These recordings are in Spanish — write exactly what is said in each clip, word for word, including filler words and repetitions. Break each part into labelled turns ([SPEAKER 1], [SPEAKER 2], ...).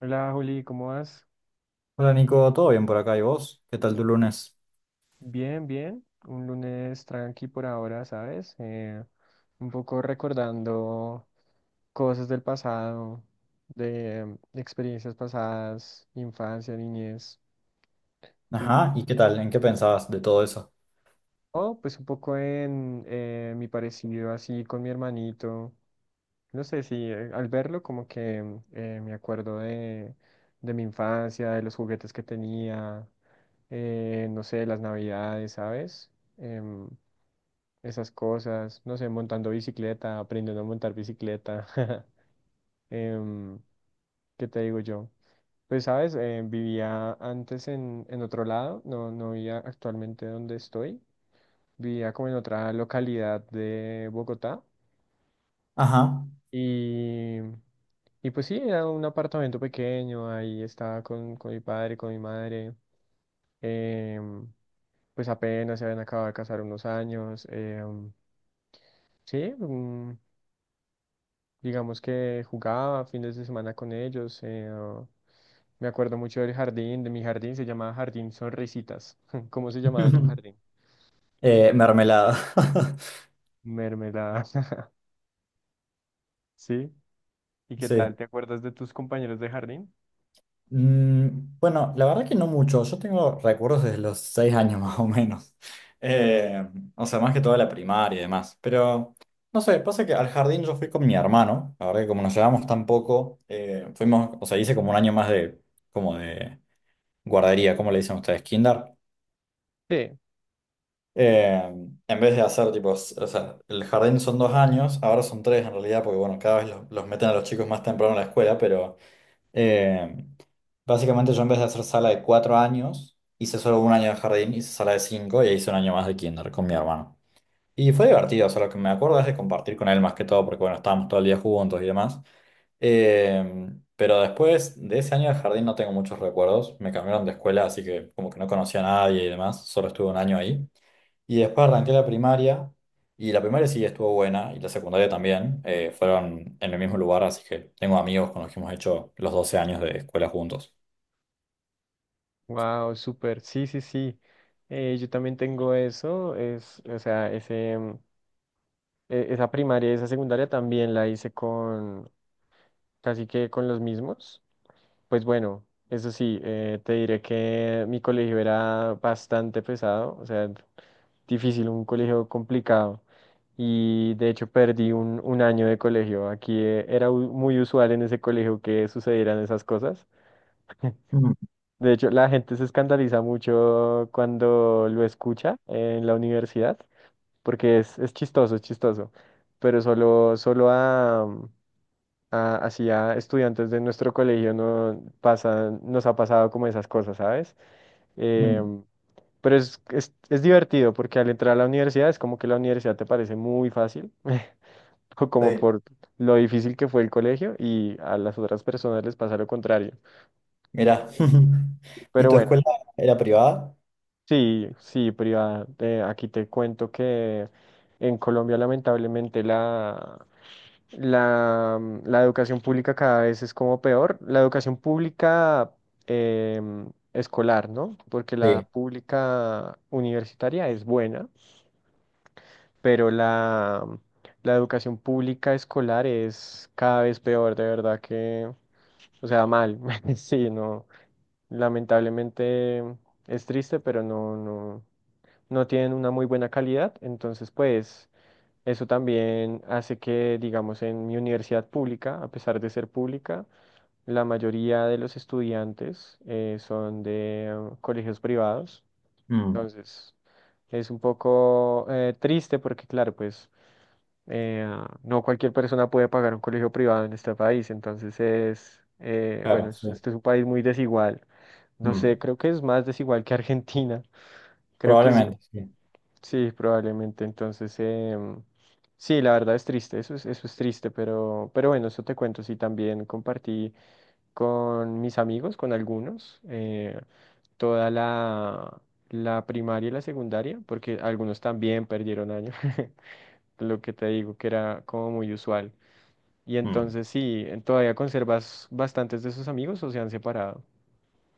[SPEAKER 1] Hola Juli, ¿cómo vas?
[SPEAKER 2] Hola Nico, ¿todo bien por acá? ¿Y vos? ¿Qué tal tu lunes?
[SPEAKER 1] Bien, bien. Un lunes tranqui por ahora, ¿sabes? Eh, un poco recordando cosas del pasado, de, de experiencias pasadas, infancia, niñez. ¿Tú?
[SPEAKER 2] Ajá, ¿y qué tal? ¿En qué pensabas de todo eso?
[SPEAKER 1] Oh, pues un poco en eh, mi parecido así con mi hermanito. No sé si eh, al verlo como que eh, me acuerdo de, de mi infancia, de los juguetes que tenía, eh, no sé, las navidades, ¿sabes? Em, esas cosas, no sé, montando bicicleta, aprendiendo a montar bicicleta. Em, ¿qué te digo yo? Pues, sabes, Eh, vivía antes en, en otro lado, no, no vivía actualmente donde estoy, vivía como en otra localidad de Bogotá
[SPEAKER 2] Ajá.
[SPEAKER 1] y, y pues sí, era un apartamento pequeño, ahí estaba con, con mi padre, con mi madre, em, pues apenas se habían acabado de casar unos años, em, sí, un- digamos que jugaba fines de semana con ellos. eh, ah, me acuerdo mucho del jardín, de mi jardín, se llamaba Jardín Sonrisitas. ¿Cómo se llamaba tu jardín?
[SPEAKER 2] Eh, mermelada.
[SPEAKER 1] Mermelada. ¿Sí? ¿Y qué tal?
[SPEAKER 2] Sí.
[SPEAKER 1] ¿Te acuerdas de tus compañeros de jardín?
[SPEAKER 2] Mm, bueno, la verdad que no mucho. Yo tengo recuerdos desde los seis años más o menos. Eh, o sea, más que toda la primaria y demás. Pero, no sé, pasa que al jardín yo fui con mi hermano. La verdad que como nos llevamos tan poco, eh, fuimos, o sea, hice como un año más de, como de guardería, ¿cómo le dicen ustedes? Kinder.
[SPEAKER 1] Sí.
[SPEAKER 2] Eh, en vez de hacer tipo, s- o sea, el jardín son dos años, ahora son tres en realidad, porque bueno, cada vez los, los meten a los chicos más temprano en la escuela, pero eh, básicamente yo en vez de hacer sala de cuatro años, hice solo un año de jardín, hice sala de cinco y e hice un año más de kinder con mi hermano. Y fue divertido, o sea, lo que me acuerdo es de compartir con él más que todo, porque bueno, estábamos todo el día juntos y demás. Eh, pero después de ese año de jardín no tengo muchos recuerdos, me cambiaron de escuela, así que como que no conocía a nadie y demás, solo estuve un año ahí. Y después arranqué la primaria, y la primaria sí estuvo buena, y la secundaria también. Eh, fueron en el mismo lugar, así que tengo amigos con los que hemos hecho los doce años de escuela juntos.
[SPEAKER 1] Wow, súper. Sí, sí, sí. Eh, yo también tengo eso. Es, o sea, ese, mm, e- esa primaria y esa secundaria también la hice con casi que con los mismos. Pues bueno, eso sí, eh, te diré que mi colegio era bastante pesado, o sea, difícil, un colegio complicado. Y de hecho perdí un, un año de colegio. Aquí eh, era u- muy usual en ese colegio que sucedieran esas cosas.
[SPEAKER 2] Mm,
[SPEAKER 1] De hecho, la gente se escandaliza mucho cuando lo escucha en la universidad, porque es, es chistoso, es chistoso. Pero solo, solo a a- así a estudiantes de nuestro colegio no pasan, nos ha pasado como esas cosas, ¿sabes?
[SPEAKER 2] mm,
[SPEAKER 1] Em, pero es, es, es divertido porque al entrar a la universidad es como que la universidad te parece muy fácil, o como
[SPEAKER 2] sí.
[SPEAKER 1] por lo difícil que fue el colegio y a las otras personas les pasa lo contrario.
[SPEAKER 2] Mirá, ¿y
[SPEAKER 1] Pero
[SPEAKER 2] tu
[SPEAKER 1] bueno,
[SPEAKER 2] escuela era privada?
[SPEAKER 1] sí, sí, privada, eh, aquí te cuento que en Colombia lamentablemente la... La, mm, la educación pública cada vez es como peor. La educación pública em, escolar, ¿no? Porque la
[SPEAKER 2] Sí,
[SPEAKER 1] pública universitaria es buena, pero la, mm, la educación pública escolar es cada vez peor, de verdad que, o sea, mal. Sí, no. Lamentablemente es triste, pero no, no, no tienen una muy buena calidad. Entonces, pues... Eso también hace que, digamos, en mi universidad pública, a pesar de ser pública, la mayoría de los estudiantes eh, son de eh, colegios privados.
[SPEAKER 2] mm,
[SPEAKER 1] Entonces, es un poco eh, triste porque, claro, pues eh, no cualquier persona puede pagar un colegio privado en este país. Entonces, es, eh, bueno,
[SPEAKER 2] claro,
[SPEAKER 1] es-
[SPEAKER 2] sí.
[SPEAKER 1] este es un país muy desigual. No sé,
[SPEAKER 2] Mm,
[SPEAKER 1] creo que es más desigual que Argentina. Creo que sí.
[SPEAKER 2] probablemente, sí.
[SPEAKER 1] Sí, probablemente. Entonces, em, sí, la verdad es triste, eso es, eso es triste, pero, pero bueno, eso te cuento. Sí, también compartí con mis amigos, con algunos, eh, toda la, la primaria y la secundaria, porque algunos también perdieron año, lo que te digo que era como muy usual. Y
[SPEAKER 2] Mm,
[SPEAKER 1] entonces, sí, todavía conservas bastantes de sus amigos o se han separado.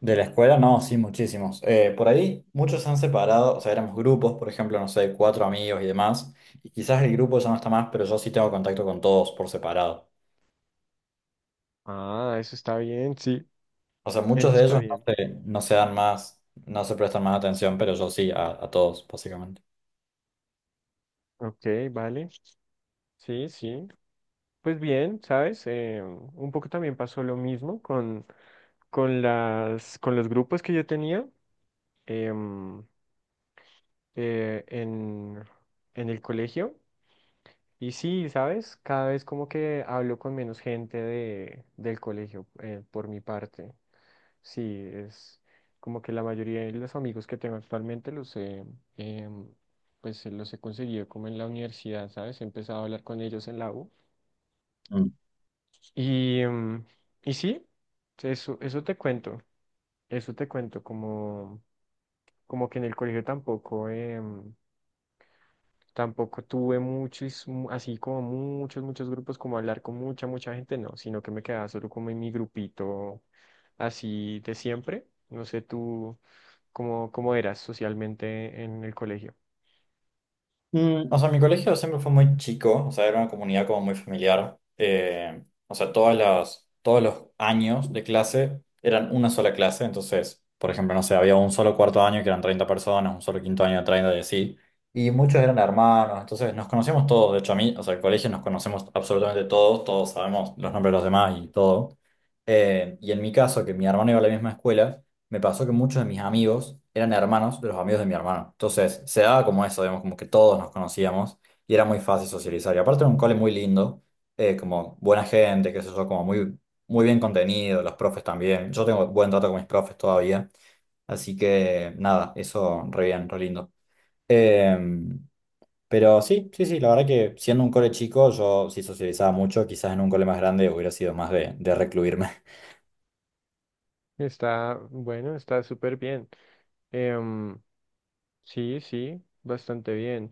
[SPEAKER 2] de la escuela, no, sí, muchísimos. Eh, por ahí muchos se han separado, o sea, éramos grupos, por ejemplo, no sé, cuatro amigos y demás, y quizás el grupo ya no está más, pero yo sí tengo contacto con todos por separado.
[SPEAKER 1] Ah, eso está bien, sí,
[SPEAKER 2] O sea,
[SPEAKER 1] eso
[SPEAKER 2] muchos de
[SPEAKER 1] está
[SPEAKER 2] ellos no
[SPEAKER 1] bien.
[SPEAKER 2] se, no se dan más, no se prestan más atención, pero yo sí, a, a todos, básicamente.
[SPEAKER 1] Ok, vale, sí, sí. Pues bien, ¿sabes? Eh, un poco también pasó lo mismo con, con las, con los grupos que yo tenía em, eh, en, en el colegio. Y sí, ¿sabes? Cada vez como que hablo con menos gente de, del colegio eh, por mi parte. Sí, es como que la mayoría de los amigos que tengo actualmente los he, em, pues, los he conseguido como en la universidad, ¿sabes? He empezado a hablar con ellos en la U. Y, mm, y sí, eso, eso te cuento, eso te cuento, como, como que en el colegio tampoco, em, tampoco tuve muchos, mu- así como muchos, muchos grupos, como hablar con mucha, mucha gente, no, sino que me quedaba solo como en mi grupito así de siempre. No sé tú cómo, cómo eras socialmente en el colegio.
[SPEAKER 2] Mm, o sea, mi colegio siempre fue muy chico, o sea, era una comunidad como muy familiar. Eh, o sea, todas las, todos los años de clase eran una sola clase, entonces, por ejemplo, no sé, había un solo cuarto año que eran treinta personas, un solo quinto año de treinta y así, y muchos eran hermanos, entonces nos conocíamos todos, de hecho a mí, o sea, el colegio nos conocemos absolutamente todos, todos sabemos los nombres de los demás y todo. Eh, y en mi caso, que mi hermano iba a la misma escuela, me pasó que muchos de mis amigos eran hermanos de los amigos de mi hermano. Entonces, se daba como eso, digamos, como que todos nos conocíamos y era muy fácil socializar. Y aparte era un cole muy lindo, eh, como buena gente, qué sé yo, como muy, muy bien contenido, los profes también. Yo tengo buen trato con mis profes todavía. Así que, nada, eso re bien, re lindo. Em, pero sí, sí, sí, la verdad que siendo un cole chico, yo sí socializaba mucho, quizás en un cole más grande hubiera sido más de, de recluirme.
[SPEAKER 1] Está, bueno, está súper bien. Em, sí, sí, bastante bien.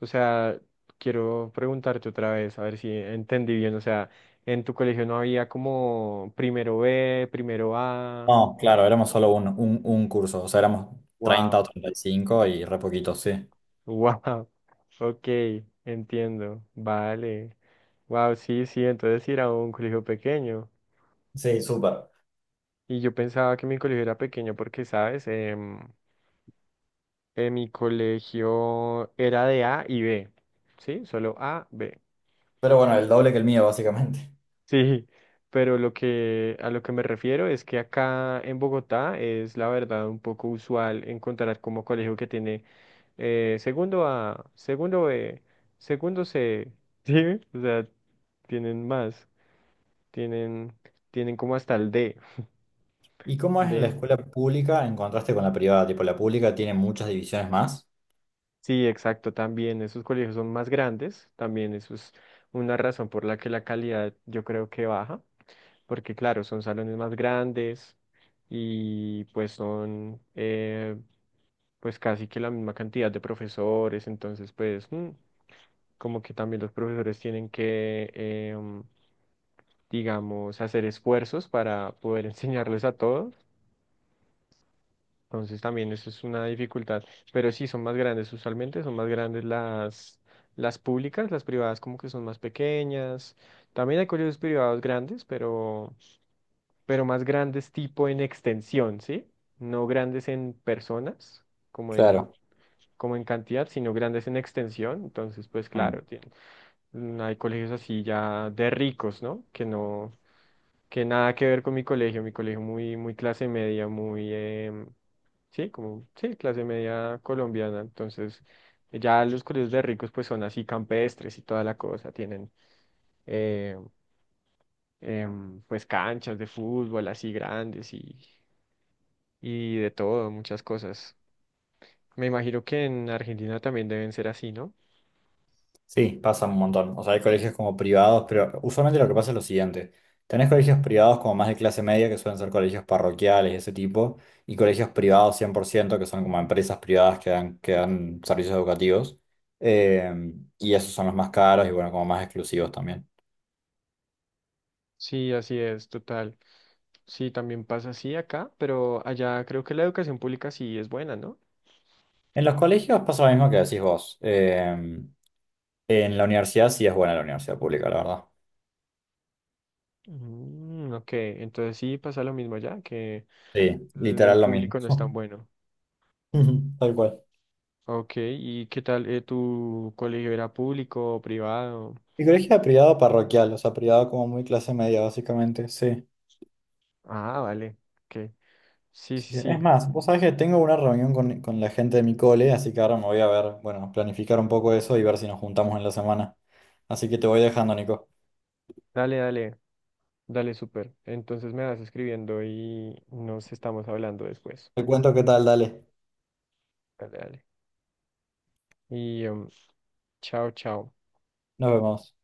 [SPEAKER 1] O sea, quiero preguntarte otra vez, a ver si entendí bien. O sea, en tu colegio no había como primero B, primero A.
[SPEAKER 2] No,
[SPEAKER 1] ¿no?
[SPEAKER 2] claro, éramos solo un, un, un curso, o sea, éramos treinta o
[SPEAKER 1] Wow,
[SPEAKER 2] treinta y cinco y cinco y re poquitos, sí.
[SPEAKER 1] wow. Ok, entiendo. Vale. Wow, sí, sí, entonces sí era un colegio pequeño.
[SPEAKER 2] Sí, súper.
[SPEAKER 1] Y yo pensaba que mi colegio era pequeño porque, ¿sabes? Em, en mi colegio era de A y B. ¿Sí? Solo A, B.
[SPEAKER 2] Pero bueno, el doble que el mío, básicamente.
[SPEAKER 1] Sí, pero lo que a lo que me refiero es que acá en Bogotá es la verdad un poco usual encontrar como colegio que tiene eh, segundo A, segundo B, segundo C, ¿sí? O sea, tienen más, tienen, tienen como hasta el D,
[SPEAKER 2] ¿Y cómo es en la
[SPEAKER 1] de,
[SPEAKER 2] escuela pública en contraste con la privada? Tipo, la pública tiene muchas divisiones más.
[SPEAKER 1] sí, exacto, también esos colegios son más grandes, también eso es una razón por la que la calidad yo creo que baja, porque claro, son salones más grandes y pues son eh, pues casi que la misma cantidad de profesores, entonces pues mm, como que también los profesores tienen que, em, digamos, hacer esfuerzos para poder enseñarles a todos, entonces también eso es una dificultad, pero sí son más grandes usualmente, son más grandes las, las públicas, las privadas como que son más pequeñas, también hay colegios privados grandes, pero, pero más grandes tipo en extensión, ¿sí? No grandes en personas, como en
[SPEAKER 2] Claro.
[SPEAKER 1] como en cantidad, sino grandes en extensión. Entonces, pues claro, tien- mm, hay colegios así ya de ricos, ¿no? Que no, que nada que ver con mi colegio, mi colegio muy, muy clase media, muy, em, sí, como, sí, clase media colombiana. Entonces, ya los colegios de ricos, pues son así campestres y toda la cosa, tienen, eh, em, pues canchas de fútbol así grandes y, y de todo, muchas cosas. Me imagino que en Argentina también deben ser así, ¿no?
[SPEAKER 2] Sí, pasa un montón. O sea, hay colegios como privados, pero usualmente lo que pasa es lo siguiente. Tenés colegios privados como más de clase media, que suelen ser colegios parroquiales, ese tipo, y colegios privados cien por ciento, que son como empresas privadas que dan, que dan servicios educativos. Eh, y esos son los más caros y bueno, como más exclusivos también.
[SPEAKER 1] Sí, así es, total. Sí, también pasa así acá, pero allá creo que la educación pública sí es buena, ¿no?
[SPEAKER 2] En los colegios pasa lo mismo que decís vos. Eh, en la universidad sí es buena la universidad pública, la verdad.
[SPEAKER 1] Mm, ok, entonces sí pasa lo mismo allá, que
[SPEAKER 2] Sí,
[SPEAKER 1] el el
[SPEAKER 2] literal lo
[SPEAKER 1] público no es tan
[SPEAKER 2] mismo.
[SPEAKER 1] bueno.
[SPEAKER 2] Tal cual.
[SPEAKER 1] Ok, ¿y qué tal? eh, ¿tu colegio era público o privado?
[SPEAKER 2] Mi colegio era privado parroquial, o sea, privado como muy clase media, básicamente, sí.
[SPEAKER 1] Ah, vale, ok. Sí,
[SPEAKER 2] Así
[SPEAKER 1] sí,
[SPEAKER 2] que-
[SPEAKER 1] sí.
[SPEAKER 2] es más, vos sabés que tengo una reunión con, con, la gente de mi cole, así que ahora me voy a ver, bueno, planificar un poco eso y ver si nos juntamos en la semana. Así que te voy dejando, Nico.
[SPEAKER 1] Dale, dale, dale, súper. Entonces me vas escribiendo y nos estamos hablando después.
[SPEAKER 2] Te cuento qué tal, dale.
[SPEAKER 1] Dale, dale. Y em, chao, chao.
[SPEAKER 2] Nos vemos.